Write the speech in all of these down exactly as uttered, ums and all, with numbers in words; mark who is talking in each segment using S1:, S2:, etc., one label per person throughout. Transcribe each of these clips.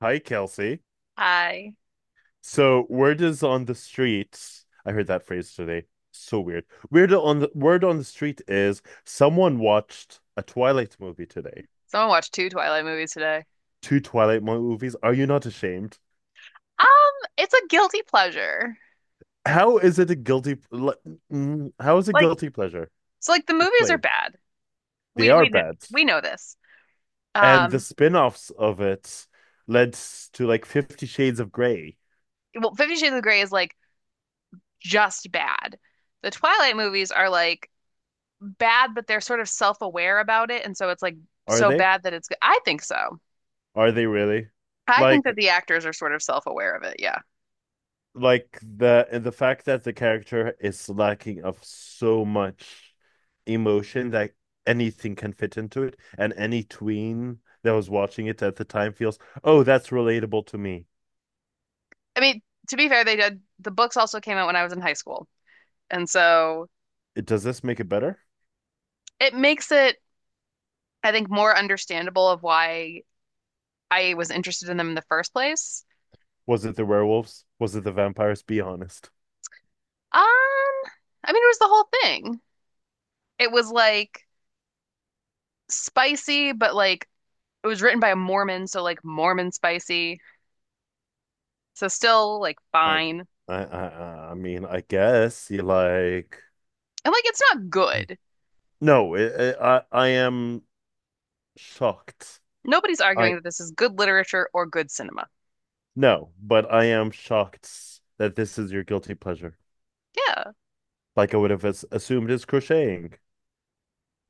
S1: Hi, Kelsey.
S2: Hi.
S1: So, word is on the streets. I heard that phrase today. So weird. Weird on the word on the street is someone watched a Twilight movie today.
S2: Someone watched two Twilight movies today.
S1: Two Twilight movies. Are you not ashamed?
S2: Um, it's a guilty pleasure.
S1: How is it a guilty? le- mm, How is it
S2: Like,
S1: guilty pleasure?
S2: so like the movies are
S1: Explain.
S2: bad.
S1: They
S2: We
S1: are
S2: we kn-
S1: bad,
S2: we know this.
S1: and the
S2: Um,
S1: spin-offs of it led s- to like Fifty Shades of Grey.
S2: well, Fifty Shades of Grey is like just bad. The Twilight movies are like bad, but they're sort of self-aware about it, and so it's like
S1: Are
S2: so
S1: they?
S2: bad that it's good. I think so.
S1: Are they really?
S2: I think that
S1: Like
S2: the actors are sort of self-aware of it. Yeah.
S1: like the the fact that the character is lacking of so much emotion that anything can fit into it, and any tween that was watching it at the time feels, oh, that's relatable to me.
S2: I mean, to be fair, they did. The books also came out when I was in high school, and so
S1: It- Does this make it better?
S2: it makes it, I think, more understandable of why I was interested in them in the first place.
S1: Was it the werewolves? Was it the vampires? Be honest.
S2: Um, I mean, it was the whole thing. It was like spicy, but like it was written by a Mormon, so like Mormon spicy. So still like
S1: I,
S2: fine.
S1: I, I, I mean, I guess you like.
S2: And like it's not good.
S1: No, it, it, I, I am shocked.
S2: Nobody's
S1: I
S2: arguing that this is good literature or good cinema.
S1: No, but I am shocked that this is your guilty pleasure.
S2: Yeah.
S1: Like I would have as- assumed is crocheting.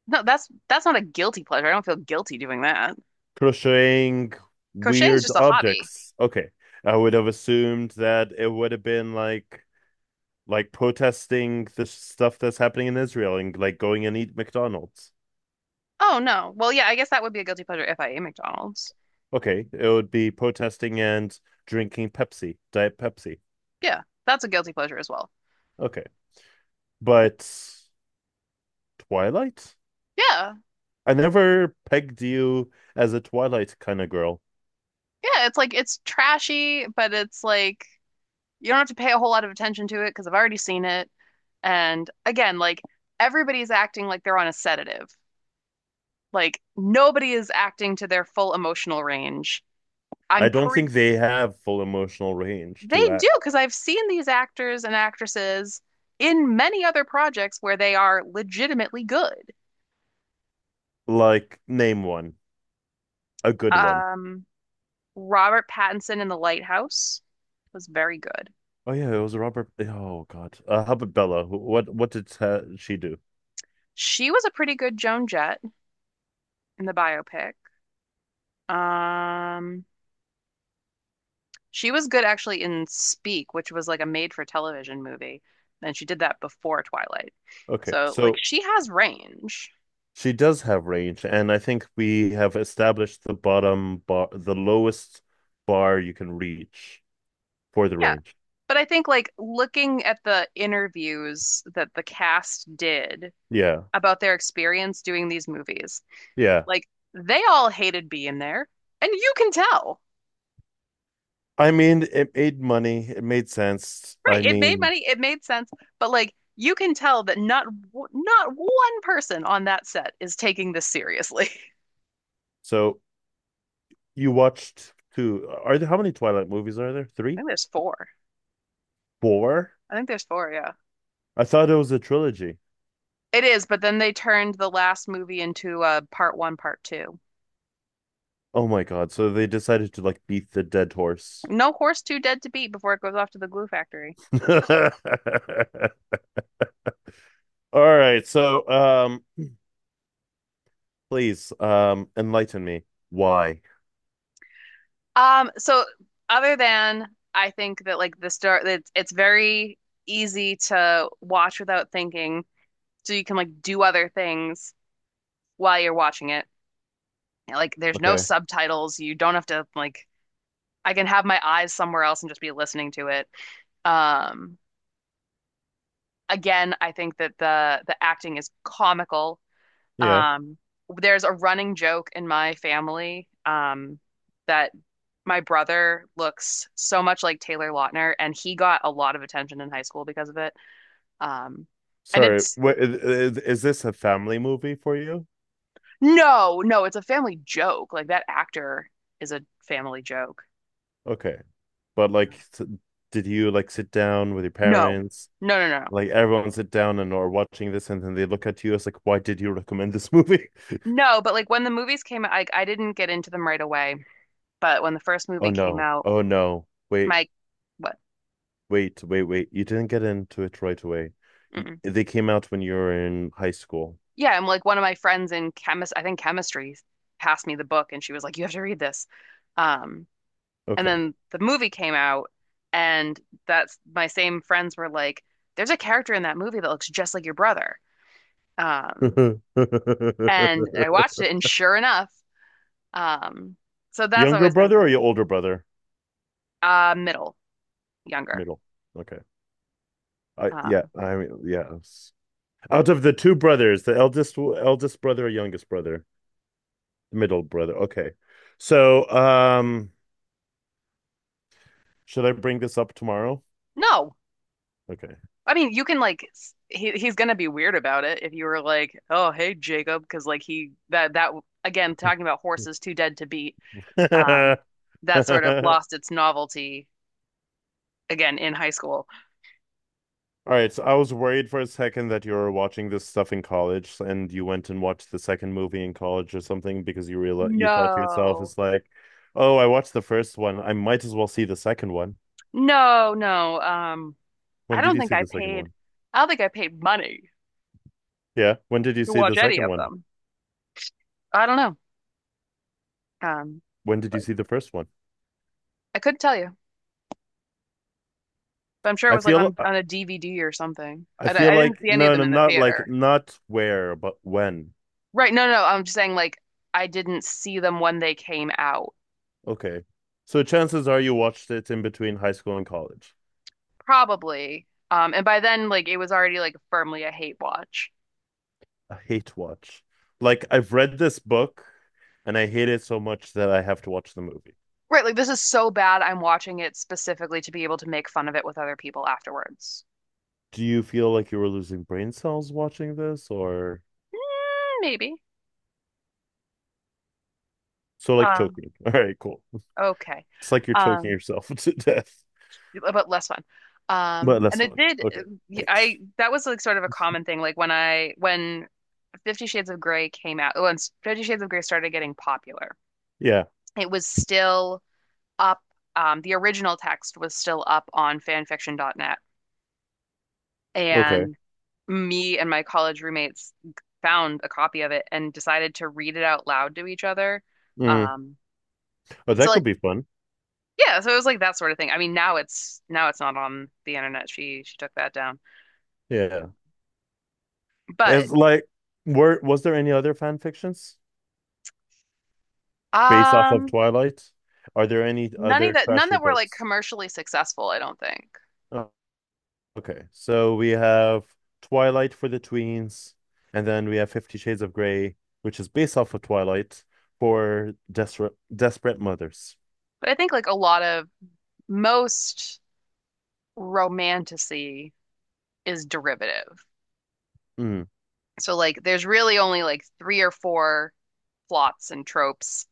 S2: No, that's that's not a guilty pleasure. I don't feel guilty doing that.
S1: Crocheting
S2: Crocheting is
S1: weird
S2: just a hobby.
S1: objects. Okay. I would have assumed that it would have been like like protesting the stuff that's happening in Israel and like going and eat McDonald's.
S2: Oh no. Well, yeah, I guess that would be a guilty pleasure if I ate McDonald's.
S1: Okay, it would be protesting and drinking Pepsi, Diet Pepsi.
S2: Yeah, that's a guilty pleasure as well.
S1: Okay. But Twilight?
S2: Yeah.
S1: I never pegged you as a Twilight kind of girl.
S2: Yeah, it's like it's trashy, but it's like you don't have to pay a whole lot of attention to it because I've already seen it. And again, like everybody's acting like they're on a sedative. Like nobody is acting to their full emotional range.
S1: I
S2: I'm
S1: don't
S2: pretty
S1: think they have full emotional range
S2: they
S1: to
S2: do
S1: act.
S2: because I've seen these actors and actresses in many other projects where they are legitimately good.
S1: Like, name one, a good one.
S2: Um, Robert Pattinson in The Lighthouse was very good.
S1: Oh yeah, it was Robert. eh, Oh God, uh, how about Bella? Wh- What what did uh, she do?
S2: She was a pretty good Joan Jett in the biopic. Um, She was good actually in Speak, which was like a made-for-television movie, and she did that before Twilight.
S1: Okay,
S2: So like
S1: so
S2: she has range.
S1: she does have range, and I think we have established the bottom bar, the lowest bar you can reach for the
S2: Yeah,
S1: range.
S2: but I think like looking at the interviews that the cast did
S1: Yeah,
S2: about their experience doing these movies,
S1: yeah.
S2: like they all hated being there, and you can tell.
S1: I mean, it made money. It made sense. I
S2: Right, it made
S1: mean,
S2: money, it made sense, but like you can tell that not w- not one person on that set is taking this seriously.
S1: so you watched two. Are there How many Twilight movies are there?
S2: I
S1: Three,
S2: think there's four.
S1: four?
S2: I think there's four, yeah.
S1: I thought it was a trilogy.
S2: It is, but then they turned the last movie into uh, part one, part two.
S1: Oh my God! So they decided to like beat the dead horse.
S2: No horse too dead to beat before it goes off to the glue factory.
S1: All right, so um please um enlighten me. Why?
S2: Um, so other than I think that like the start, it's it's very easy to watch without thinking, so you can like do other things while you're watching it. Like there's no
S1: Okay.
S2: subtitles, you don't have to like I can have my eyes somewhere else and just be listening to it. Um, Again, I think that the the acting is comical.
S1: Yeah.
S2: Um, there's a running joke in my family, um, that my brother looks so much like Taylor Lautner, and he got a lot of attention in high school because of it. Um, and
S1: Sorry.
S2: it's
S1: Wait, is, is this a family movie for you?
S2: no, no, it's a family joke. Like that actor is a family joke.
S1: Okay. But like s- did you like sit down with your
S2: No,
S1: parents?
S2: no, no, no, no.
S1: Like everyone sit down and are watching this and then they look at you as like, why did you recommend this movie?
S2: No, but like when the movies came out, I, I didn't get into them right away. But when the first
S1: Oh
S2: movie came
S1: no.
S2: out,
S1: Oh no. Wait,
S2: my what?
S1: wait, wait, wait. You didn't get into it right away. You,
S2: Mm-mm.
S1: they came out when you were in high school.
S2: Yeah, I'm like one of my friends in chemist, I think chemistry passed me the book and she was like, "You have to read this." Um, and
S1: Okay.
S2: then the movie came out and that's my same friends were like, "There's a character in that movie that looks just like your brother." Um, and I watched it and sure enough, um, so that's
S1: Younger
S2: always been
S1: brother
S2: kind
S1: or
S2: of
S1: your older brother?
S2: a uh middle, younger.
S1: Middle. Okay. I yeah.
S2: Um,
S1: I mean yeah. Out of the two brothers, the eldest eldest brother or youngest brother? Middle brother. Okay. So um, should I bring this up tomorrow?
S2: no,
S1: Okay.
S2: I mean, you can like s- he he's gonna be weird about it if you were like, "Oh, hey, Jacob," because like he that that again talking about horses too dead to beat. Um, that sort of lost its novelty again in high school.
S1: All right, so I was worried for a second that you were watching this stuff in college and you went and watched the second movie in college or something because you real you thought to yourself,
S2: No,
S1: it's like, oh, I watched the first one. I might as well see the second one.
S2: no, no. Um, I
S1: When did
S2: don't
S1: you
S2: think
S1: see
S2: I
S1: the second
S2: paid.
S1: one?
S2: I don't think I paid money
S1: Yeah. When did you
S2: to
S1: see the
S2: watch any
S1: second
S2: of
S1: one?
S2: them. I don't know. Um,
S1: When did you
S2: like
S1: see the first one?
S2: I couldn't tell you, but I'm sure it
S1: I
S2: was like
S1: feel
S2: on
S1: uh,
S2: on a D V D or something.
S1: I
S2: I,
S1: feel
S2: I didn't
S1: like
S2: see any of
S1: no, no,
S2: them in the
S1: not like
S2: theater.
S1: not where, but when.
S2: Right. No, no, no. I'm just saying like I didn't see them when they came out.
S1: Okay. So chances are you watched it in between high school and college.
S2: Probably. Um, and by then like it was already like firmly a hate watch.
S1: A hate watch. Like I've read this book and I hate it so much that I have to watch the movie.
S2: Right, like this is so bad I'm watching it specifically to be able to make fun of it with other people afterwards.
S1: Do you feel like you were losing brain cells watching this or
S2: Mm, maybe.
S1: so like
S2: Um,
S1: choking? All right, cool.
S2: okay.
S1: It's like you're choking
S2: Um,
S1: yourself to death,
S2: but less fun. Um,
S1: but less
S2: and it
S1: fun.
S2: did
S1: Okay.
S2: I that was like sort of a common thing like when I when Fifty Shades of Grey came out, when Fifty Shades of Grey started getting popular,
S1: Yeah.
S2: it was still up. Um, the original text was still up on fanfiction dot net,
S1: Okay.
S2: and me and my college roommates found a copy of it and decided to read it out loud to each other.
S1: Mm.
S2: Um,
S1: Oh,
S2: so
S1: that could
S2: like
S1: be fun.
S2: yeah, so it was like that sort of thing. I mean, now it's now it's not on the internet. She she took that down.
S1: Yeah.
S2: But
S1: As like, were was there any other fan fictions based off of
S2: um
S1: Twilight? Are there any
S2: none of
S1: other
S2: that none
S1: trashy
S2: that were like
S1: books?
S2: commercially successful, I don't think.
S1: Oh, okay. So we have Twilight for the tweens, and then we have Fifty Shades of Grey, which is based off of Twilight for desperate desperate mothers.
S2: But I think like a lot of most romanticy is derivative.
S1: Mm.
S2: So like there's really only like three or four plots and tropes,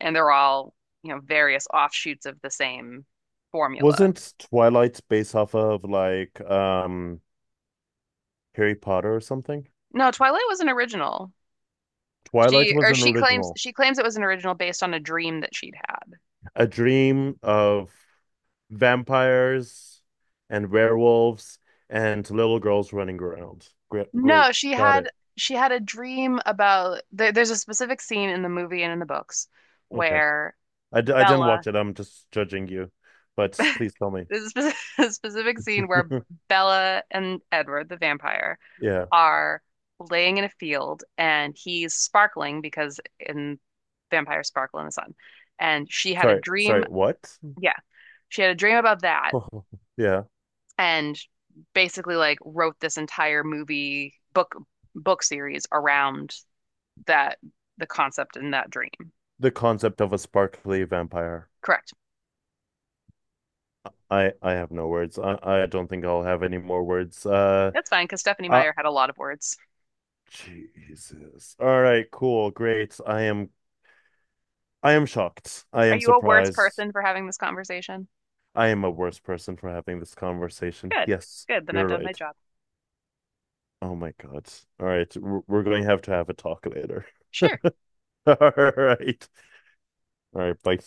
S2: and they're all, you know, various offshoots of the same formula.
S1: Wasn't Twilight based off of like um Harry Potter or something?
S2: No, Twilight was an original.
S1: Twilight
S2: She
S1: was
S2: or
S1: an
S2: she claims
S1: original,
S2: she claims it was an original based on a dream that she'd had.
S1: a dream of vampires and werewolves and little girls running around. Great, great.
S2: No, she
S1: Got
S2: had
S1: it.
S2: she had a dream about there, there's a specific scene in the movie and in the books
S1: Okay.
S2: where
S1: I, d I didn't
S2: Bella
S1: watch it. I'm just judging you, but please tell me.
S2: there's a specific, a specific scene where Bella and Edward, the vampire,
S1: Yeah.
S2: are laying in a field and he's sparkling because in vampires sparkle in the sun. And she had a
S1: Sorry.
S2: dream.
S1: Sorry. What?
S2: Yeah, she had a dream about that
S1: Yeah.
S2: and basically like wrote this entire movie book book series around that the concept in that dream.
S1: The concept of a sparkly vampire.
S2: Correct.
S1: I I have no words. I I don't think I'll have any more words. Uh,
S2: That's fine because Stephanie
S1: uh
S2: Meyer had a lot of words.
S1: Jesus. All right, cool. Great. I am I am shocked. I
S2: Are
S1: am
S2: you a worse
S1: surprised.
S2: person for having this conversation?
S1: I am a worse person for having this conversation.
S2: Good.
S1: Yes,
S2: Good. Then I've
S1: you're
S2: done my
S1: right.
S2: job.
S1: Oh my God. All right. We're we're going to have to have a talk later.
S2: Sure.
S1: All right. All right. Bye.